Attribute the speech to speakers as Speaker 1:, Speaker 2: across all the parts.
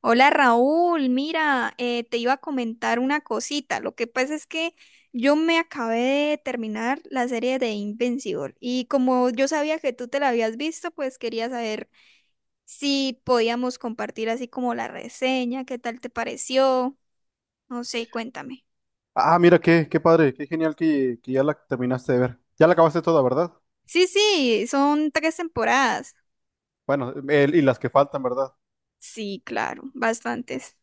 Speaker 1: Hola Raúl, mira, te iba a comentar una cosita. Lo que pasa es que yo me acabé de terminar la serie de Invincible y como yo sabía que tú te la habías visto, pues quería saber si podíamos compartir así como la reseña, qué tal te pareció. No sé, cuéntame.
Speaker 2: Ah, mira, qué padre, qué genial que ya la terminaste de ver. Ya la acabaste toda, ¿verdad?
Speaker 1: Sí, sí, son tres temporadas.
Speaker 2: Bueno, y las que faltan, ¿verdad?
Speaker 1: Sí, claro, bastantes.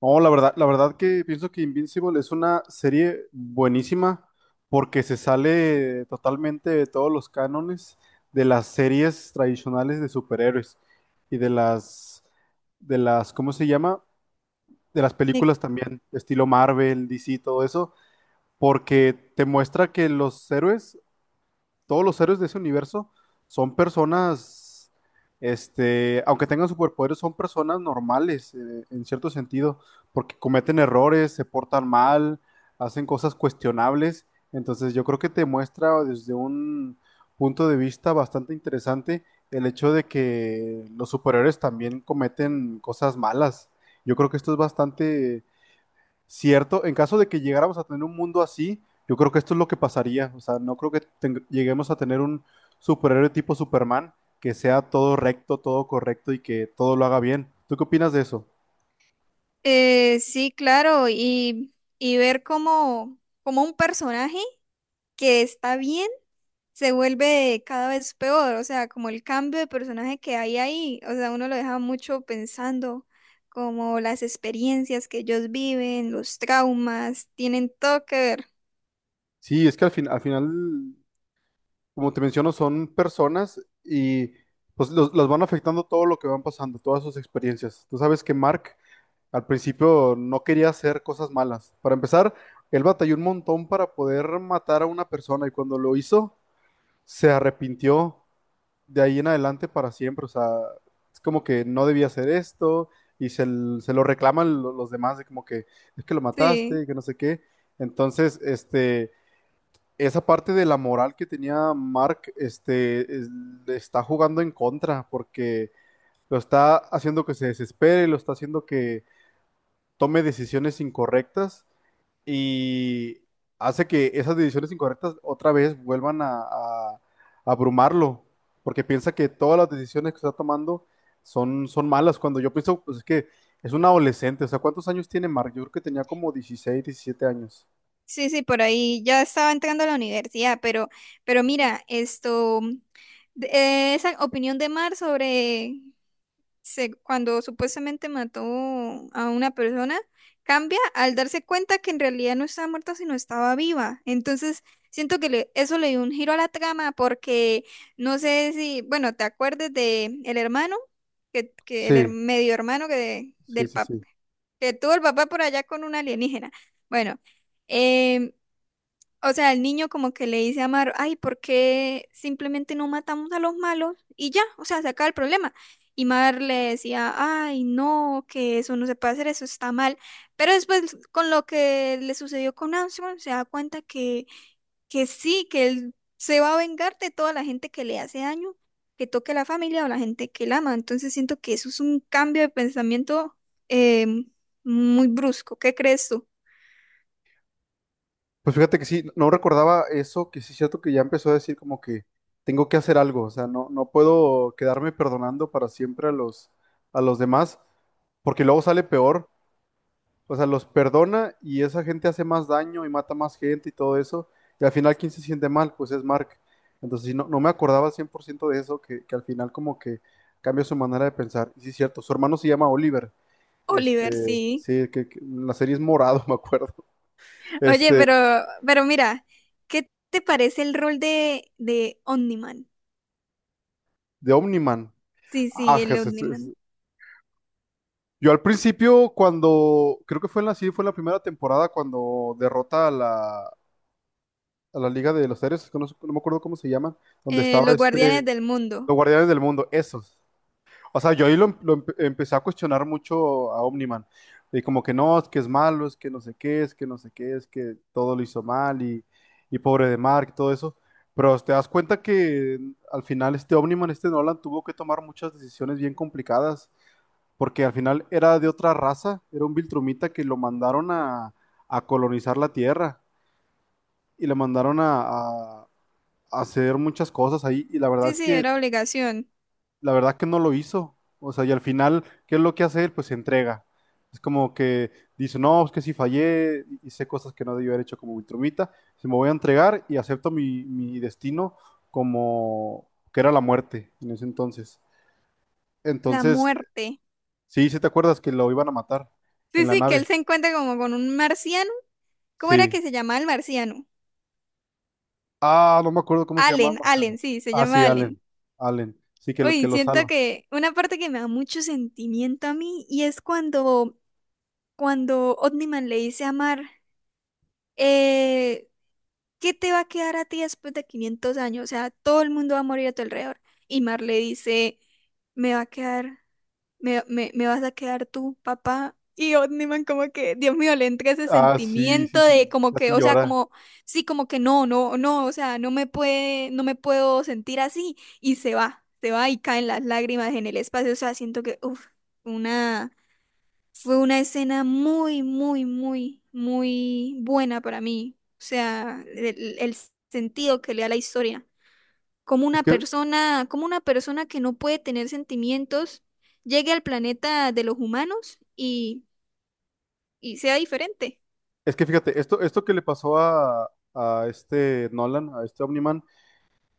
Speaker 2: No, la verdad que pienso que Invincible es una serie buenísima porque se sale totalmente de todos los cánones de las series tradicionales de superhéroes y ¿cómo se llama? De las
Speaker 1: Eh,
Speaker 2: películas también, estilo Marvel, DC, todo eso, porque te muestra que los héroes todos los héroes de ese universo son personas, este, aunque tengan superpoderes, son personas normales, en cierto sentido, porque cometen errores, se portan mal, hacen cosas cuestionables. Entonces yo creo que te muestra desde un punto de vista bastante interesante el hecho de que los superhéroes también cometen cosas malas. Yo creo que esto es bastante cierto. En caso de que llegáramos a tener un mundo así, yo creo que esto es lo que pasaría. O sea, no creo que lleguemos a tener un superhéroe tipo Superman que sea todo recto, todo correcto y que todo lo haga bien. ¿Tú qué opinas de eso?
Speaker 1: sí, claro, y ver cómo, cómo un personaje que está bien se vuelve cada vez peor. O sea, como el cambio de personaje que hay ahí, o sea, uno lo deja mucho pensando, como las experiencias que ellos viven, los traumas, tienen todo que ver.
Speaker 2: Sí, es que al final, como te menciono, son personas y pues las van afectando todo lo que van pasando, todas sus experiencias. Tú sabes que Mark al principio no quería hacer cosas malas. Para empezar, él batalló un montón para poder matar a una persona y cuando lo hizo se arrepintió de ahí en adelante para siempre. O sea, es como que no debía hacer esto y se lo reclaman los demás de como que es que lo
Speaker 1: Sí,
Speaker 2: mataste y que no sé qué. Entonces, este, esa parte de la moral que tenía Mark, le está jugando en contra porque lo está haciendo que se desespere, lo está haciendo que tome decisiones incorrectas y hace que esas decisiones incorrectas otra vez vuelvan a, a abrumarlo, porque piensa que todas las decisiones que está tomando son malas, cuando yo pienso, pues es que es un adolescente. O sea, ¿cuántos años tiene Mark? Yo creo que tenía como 16 17 años.
Speaker 1: sí, sí, por ahí ya estaba entrando a la universidad, pero mira, esto, esa opinión de Mar sobre cuando supuestamente mató a una persona, cambia al darse cuenta que en realidad no estaba muerta, sino estaba viva. Entonces, siento que eso le dio un giro a la trama porque no sé si, bueno, te acuerdes de el hermano,
Speaker 2: Sí,
Speaker 1: medio hermano
Speaker 2: sí, sí, sí.
Speaker 1: que tuvo el papá por allá con un alienígena. Bueno. em, o sea, el niño como que le dice a Amaro, ay, ¿por qué simplemente no matamos a los malos? Y ya, o sea, se acaba el problema. Y Mar le decía, ay, no, que eso no se puede hacer, eso está mal. Pero después, con lo que le sucedió con Anson, se da cuenta que sí, que él se va a vengar de toda la gente que le hace daño, que toque a la familia o la gente que él ama. Entonces siento que eso es un cambio de pensamiento eh, muy brusco. ¿Qué crees tú,
Speaker 2: Pues fíjate que sí, no recordaba eso, que sí es cierto que ya empezó a decir como que tengo que hacer algo. O sea, no puedo quedarme perdonando para siempre a a los demás, porque luego sale peor. O sea, los perdona y esa gente hace más daño y mata más gente y todo eso. Y al final, ¿quién se siente mal? Pues es Mark. Entonces, sí, no me acordaba al 100% de eso, que al final como que cambia su manera de pensar. Y sí, es cierto, su hermano se llama Oliver.
Speaker 1: Oliver?
Speaker 2: Este,
Speaker 1: Sí.
Speaker 2: sí, que en la serie es morado, me acuerdo.
Speaker 1: Oye,
Speaker 2: Este,
Speaker 1: pero mira, ¿qué te parece el rol de Omniman?
Speaker 2: de Omniman.
Speaker 1: Sí,
Speaker 2: Ah,
Speaker 1: sí, el
Speaker 2: Jesús,
Speaker 1: Omniman.
Speaker 2: yo al principio, creo que fue en sí, fue en la primera temporada cuando derrota a a la Liga de los Héroes, que no me acuerdo cómo se llama, donde estaba
Speaker 1: Los guardianes
Speaker 2: este,
Speaker 1: del mundo.
Speaker 2: Los Guardianes del Mundo, esos. O sea, yo ahí lo empecé a cuestionar mucho a Omniman. Y como que no, es que es malo, es que no sé qué, es que no sé qué, es que todo lo hizo mal y pobre de Mark, todo eso. Pero te das cuenta que al final este Omniman, este Nolan, tuvo que tomar muchas decisiones bien complicadas porque al final era de otra raza, era un Viltrumita que lo mandaron a colonizar la Tierra y le mandaron a, a- a hacer muchas cosas ahí. Y la verdad
Speaker 1: Sí,
Speaker 2: es
Speaker 1: sí,
Speaker 2: que
Speaker 1: era obligación.
Speaker 2: la verdad que no lo hizo. O sea, y al final, ¿qué es lo que hace él? Pues se entrega. Es como que dice, no, es que si fallé, hice cosas que no debí haber hecho como Viltrumita, se me voy a entregar y acepto mi destino, como que era la muerte en ese entonces.
Speaker 1: La
Speaker 2: Entonces,
Speaker 1: muerte.
Speaker 2: sí, sí te acuerdas que lo iban a matar en
Speaker 1: Sí,
Speaker 2: la
Speaker 1: sí, que
Speaker 2: nave.
Speaker 1: él se encuentra como con un marciano. ¿Cómo era
Speaker 2: Sí.
Speaker 1: que se llamaba el marciano?
Speaker 2: Ah, no me acuerdo cómo se llamaba
Speaker 1: Allen,
Speaker 2: Marciano.
Speaker 1: Allen, sí, se
Speaker 2: Ah, sí,
Speaker 1: llama Allen.
Speaker 2: Allen. Allen. Sí, que
Speaker 1: Uy,
Speaker 2: lo
Speaker 1: siento
Speaker 2: salva.
Speaker 1: que una parte que me da mucho sentimiento a mí y es cuando, cuando Omniman le dice a Mar, eh, ¿qué te va a quedar a ti después de 500 años? O sea, todo el mundo va a morir a tu alrededor. Y Mar le dice, me va a quedar, me vas a quedar tú, papá. Y Omniman como que, Dios mío, le entra ese
Speaker 2: Ah, sí, sí,
Speaker 1: sentimiento de
Speaker 2: sí.
Speaker 1: como que,
Speaker 2: Casi
Speaker 1: o sea,
Speaker 2: llora.
Speaker 1: como, sí, como que no, no, no, o sea, no me puede, no me puedo sentir así. Y se va y caen las lágrimas en el espacio. O sea, siento que, uff, una fue una escena muy, muy, muy, muy buena para mí. O sea, el sentido que le da la historia.
Speaker 2: Es que
Speaker 1: Como una persona que no puede tener sentimientos, llegue al planeta de los humanos y sea diferente.
Speaker 2: Es que fíjate, esto que le pasó a este Nolan, a este Omniman,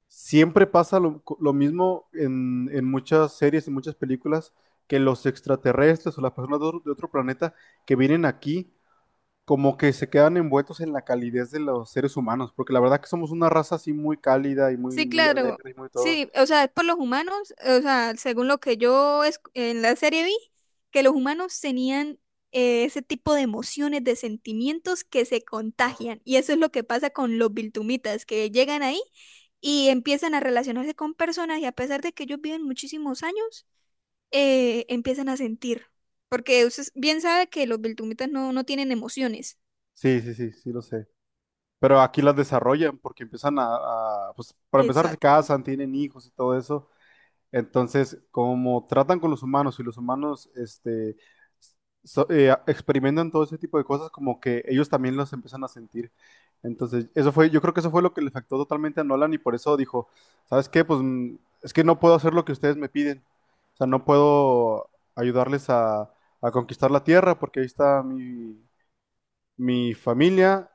Speaker 2: siempre pasa lo mismo en muchas series, en muchas películas, que los extraterrestres o las personas de otro planeta que vienen aquí, como que se quedan envueltos en la calidez de los seres humanos, porque la verdad que somos una raza así muy cálida y
Speaker 1: Sí,
Speaker 2: muy
Speaker 1: claro.
Speaker 2: alegre y muy todo.
Speaker 1: Sí, o sea, es por los humanos, o sea, según lo que yo en la serie vi, que los humanos tenían ese tipo de emociones, de sentimientos que se contagian. Y eso es lo que pasa con los biltumitas, que llegan ahí y empiezan a relacionarse con personas y a pesar de que ellos viven muchísimos años, empiezan a sentir. Porque usted bien sabe que los biltumitas no tienen emociones.
Speaker 2: Sí, sí, sí, sí lo sé. Pero aquí las desarrollan porque empiezan a, pues para empezar se
Speaker 1: Exacto.
Speaker 2: casan, tienen hijos y todo eso. Entonces, como tratan con los humanos y los humanos experimentan todo ese tipo de cosas, como que ellos también los empiezan a sentir. Entonces, eso fue, yo creo que eso fue lo que le afectó totalmente a Nolan y por eso dijo, ¿sabes qué? Pues es que no puedo hacer lo que ustedes me piden. O sea, no puedo ayudarles a conquistar la Tierra porque ahí está mi, mi familia.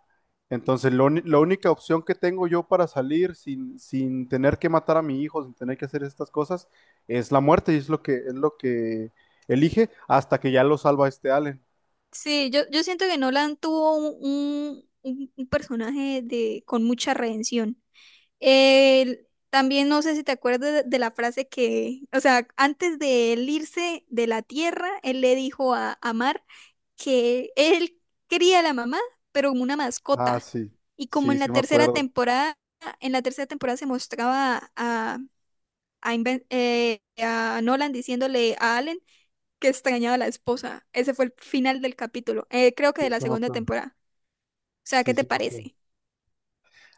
Speaker 2: Entonces, la única opción que tengo yo para salir sin, sin tener que matar a mi hijo, sin tener que hacer estas cosas, es la muerte, y es lo que elige hasta que ya lo salva este Allen.
Speaker 1: Sí, yo siento que Nolan tuvo un, un personaje de, con mucha redención. Él- También no sé si te acuerdas de la frase que, o sea, antes de él irse de la tierra, él le dijo a Mar que él quería a la mamá, pero como una
Speaker 2: Ah,
Speaker 1: mascota.
Speaker 2: sí,
Speaker 1: Y como
Speaker 2: sí,
Speaker 1: en
Speaker 2: sí
Speaker 1: la
Speaker 2: me
Speaker 1: tercera
Speaker 2: acuerdo.
Speaker 1: temporada, en la tercera temporada se mostraba a, a Nolan diciéndole a Allen que extrañaba a la esposa. Ese fue el final del capítulo. Creo que de
Speaker 2: Sí,
Speaker 1: la
Speaker 2: sí me
Speaker 1: segunda
Speaker 2: acuerdo.
Speaker 1: temporada. O sea, ¿qué
Speaker 2: Sí,
Speaker 1: te
Speaker 2: sí me acuerdo.
Speaker 1: parece?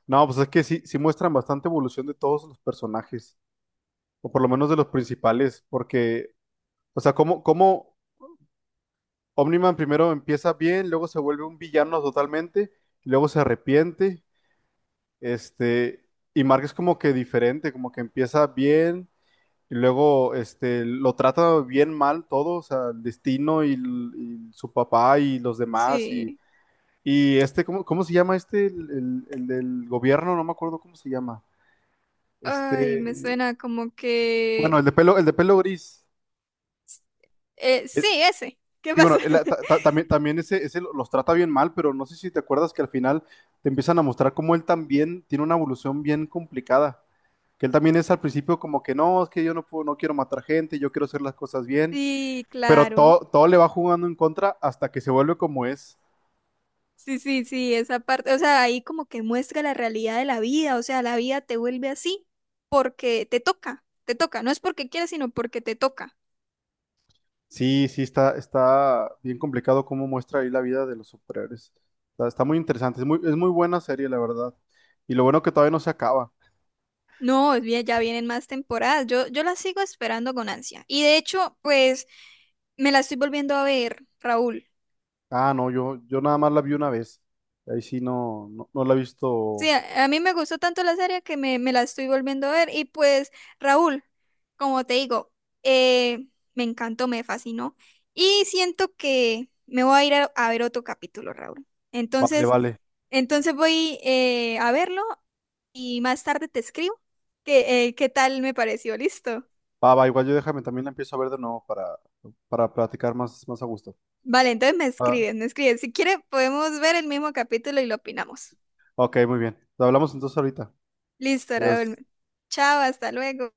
Speaker 2: No, pues es que sí, sí muestran bastante evolución de todos los personajes, o por lo menos de los principales, porque, o sea, como Omniman primero empieza bien, luego se vuelve un villano totalmente, y luego se arrepiente. Este, y Mark es como que diferente, como que empieza bien y luego este, lo trata bien mal todo, o sea, el destino y su papá y los demás.
Speaker 1: Sí.
Speaker 2: Y este, cómo se llama este? El del gobierno, no me acuerdo cómo se llama.
Speaker 1: Ay, me
Speaker 2: Este,
Speaker 1: suena como
Speaker 2: bueno,
Speaker 1: que...
Speaker 2: el de pelo gris.
Speaker 1: sí, ese. ¿Qué
Speaker 2: Sí, bueno,
Speaker 1: pasó?
Speaker 2: también ese, los trata bien mal, pero no sé si te acuerdas que al final te empiezan a mostrar cómo él también tiene una evolución bien complicada. Que él también es al principio como que no, es que yo no puedo, no quiero matar gente, yo quiero hacer las cosas bien,
Speaker 1: Sí,
Speaker 2: pero
Speaker 1: claro.
Speaker 2: todo, todo le va jugando en contra hasta que se vuelve como es.
Speaker 1: Sí, sí, sí, esa parte. O sea, ahí como que muestra la realidad de la vida. O sea, la vida te vuelve así porque te toca. Te toca. No es porque quieras, sino porque te toca.
Speaker 2: Sí, sí, está bien complicado cómo muestra ahí la vida de los superhéroes. Está muy interesante, es es muy buena serie, la verdad. Y lo bueno que todavía no se acaba.
Speaker 1: No, es bien, ya vienen más temporadas. Yo la sigo esperando con ansia. Y de hecho, pues me la estoy volviendo a ver, Raúl.
Speaker 2: Ah, no, yo nada más la vi una vez. Ahí sí no, no, no la he
Speaker 1: Sí,
Speaker 2: visto.
Speaker 1: a mí me gustó tanto la serie que me la estoy volviendo a ver. Y pues, Raúl, como te digo, eh, me encantó, me fascinó. Y siento que me voy a ir a ver otro capítulo, Raúl.
Speaker 2: Vale,
Speaker 1: Entonces,
Speaker 2: vale.
Speaker 1: entonces voy a verlo y más tarde te escribo. ¿Que qué tal me pareció? Listo.
Speaker 2: Va, va, igual yo déjame, también la empiezo a ver de nuevo para platicar más, más a gusto.
Speaker 1: Vale, entonces me
Speaker 2: Ah,
Speaker 1: escribes, me escribes. Si quieres, podemos ver el mismo capítulo y lo opinamos.
Speaker 2: ok, muy bien. Hablamos entonces ahorita.
Speaker 1: Listo,
Speaker 2: Adiós.
Speaker 1: Raúl. Chao, hasta luego.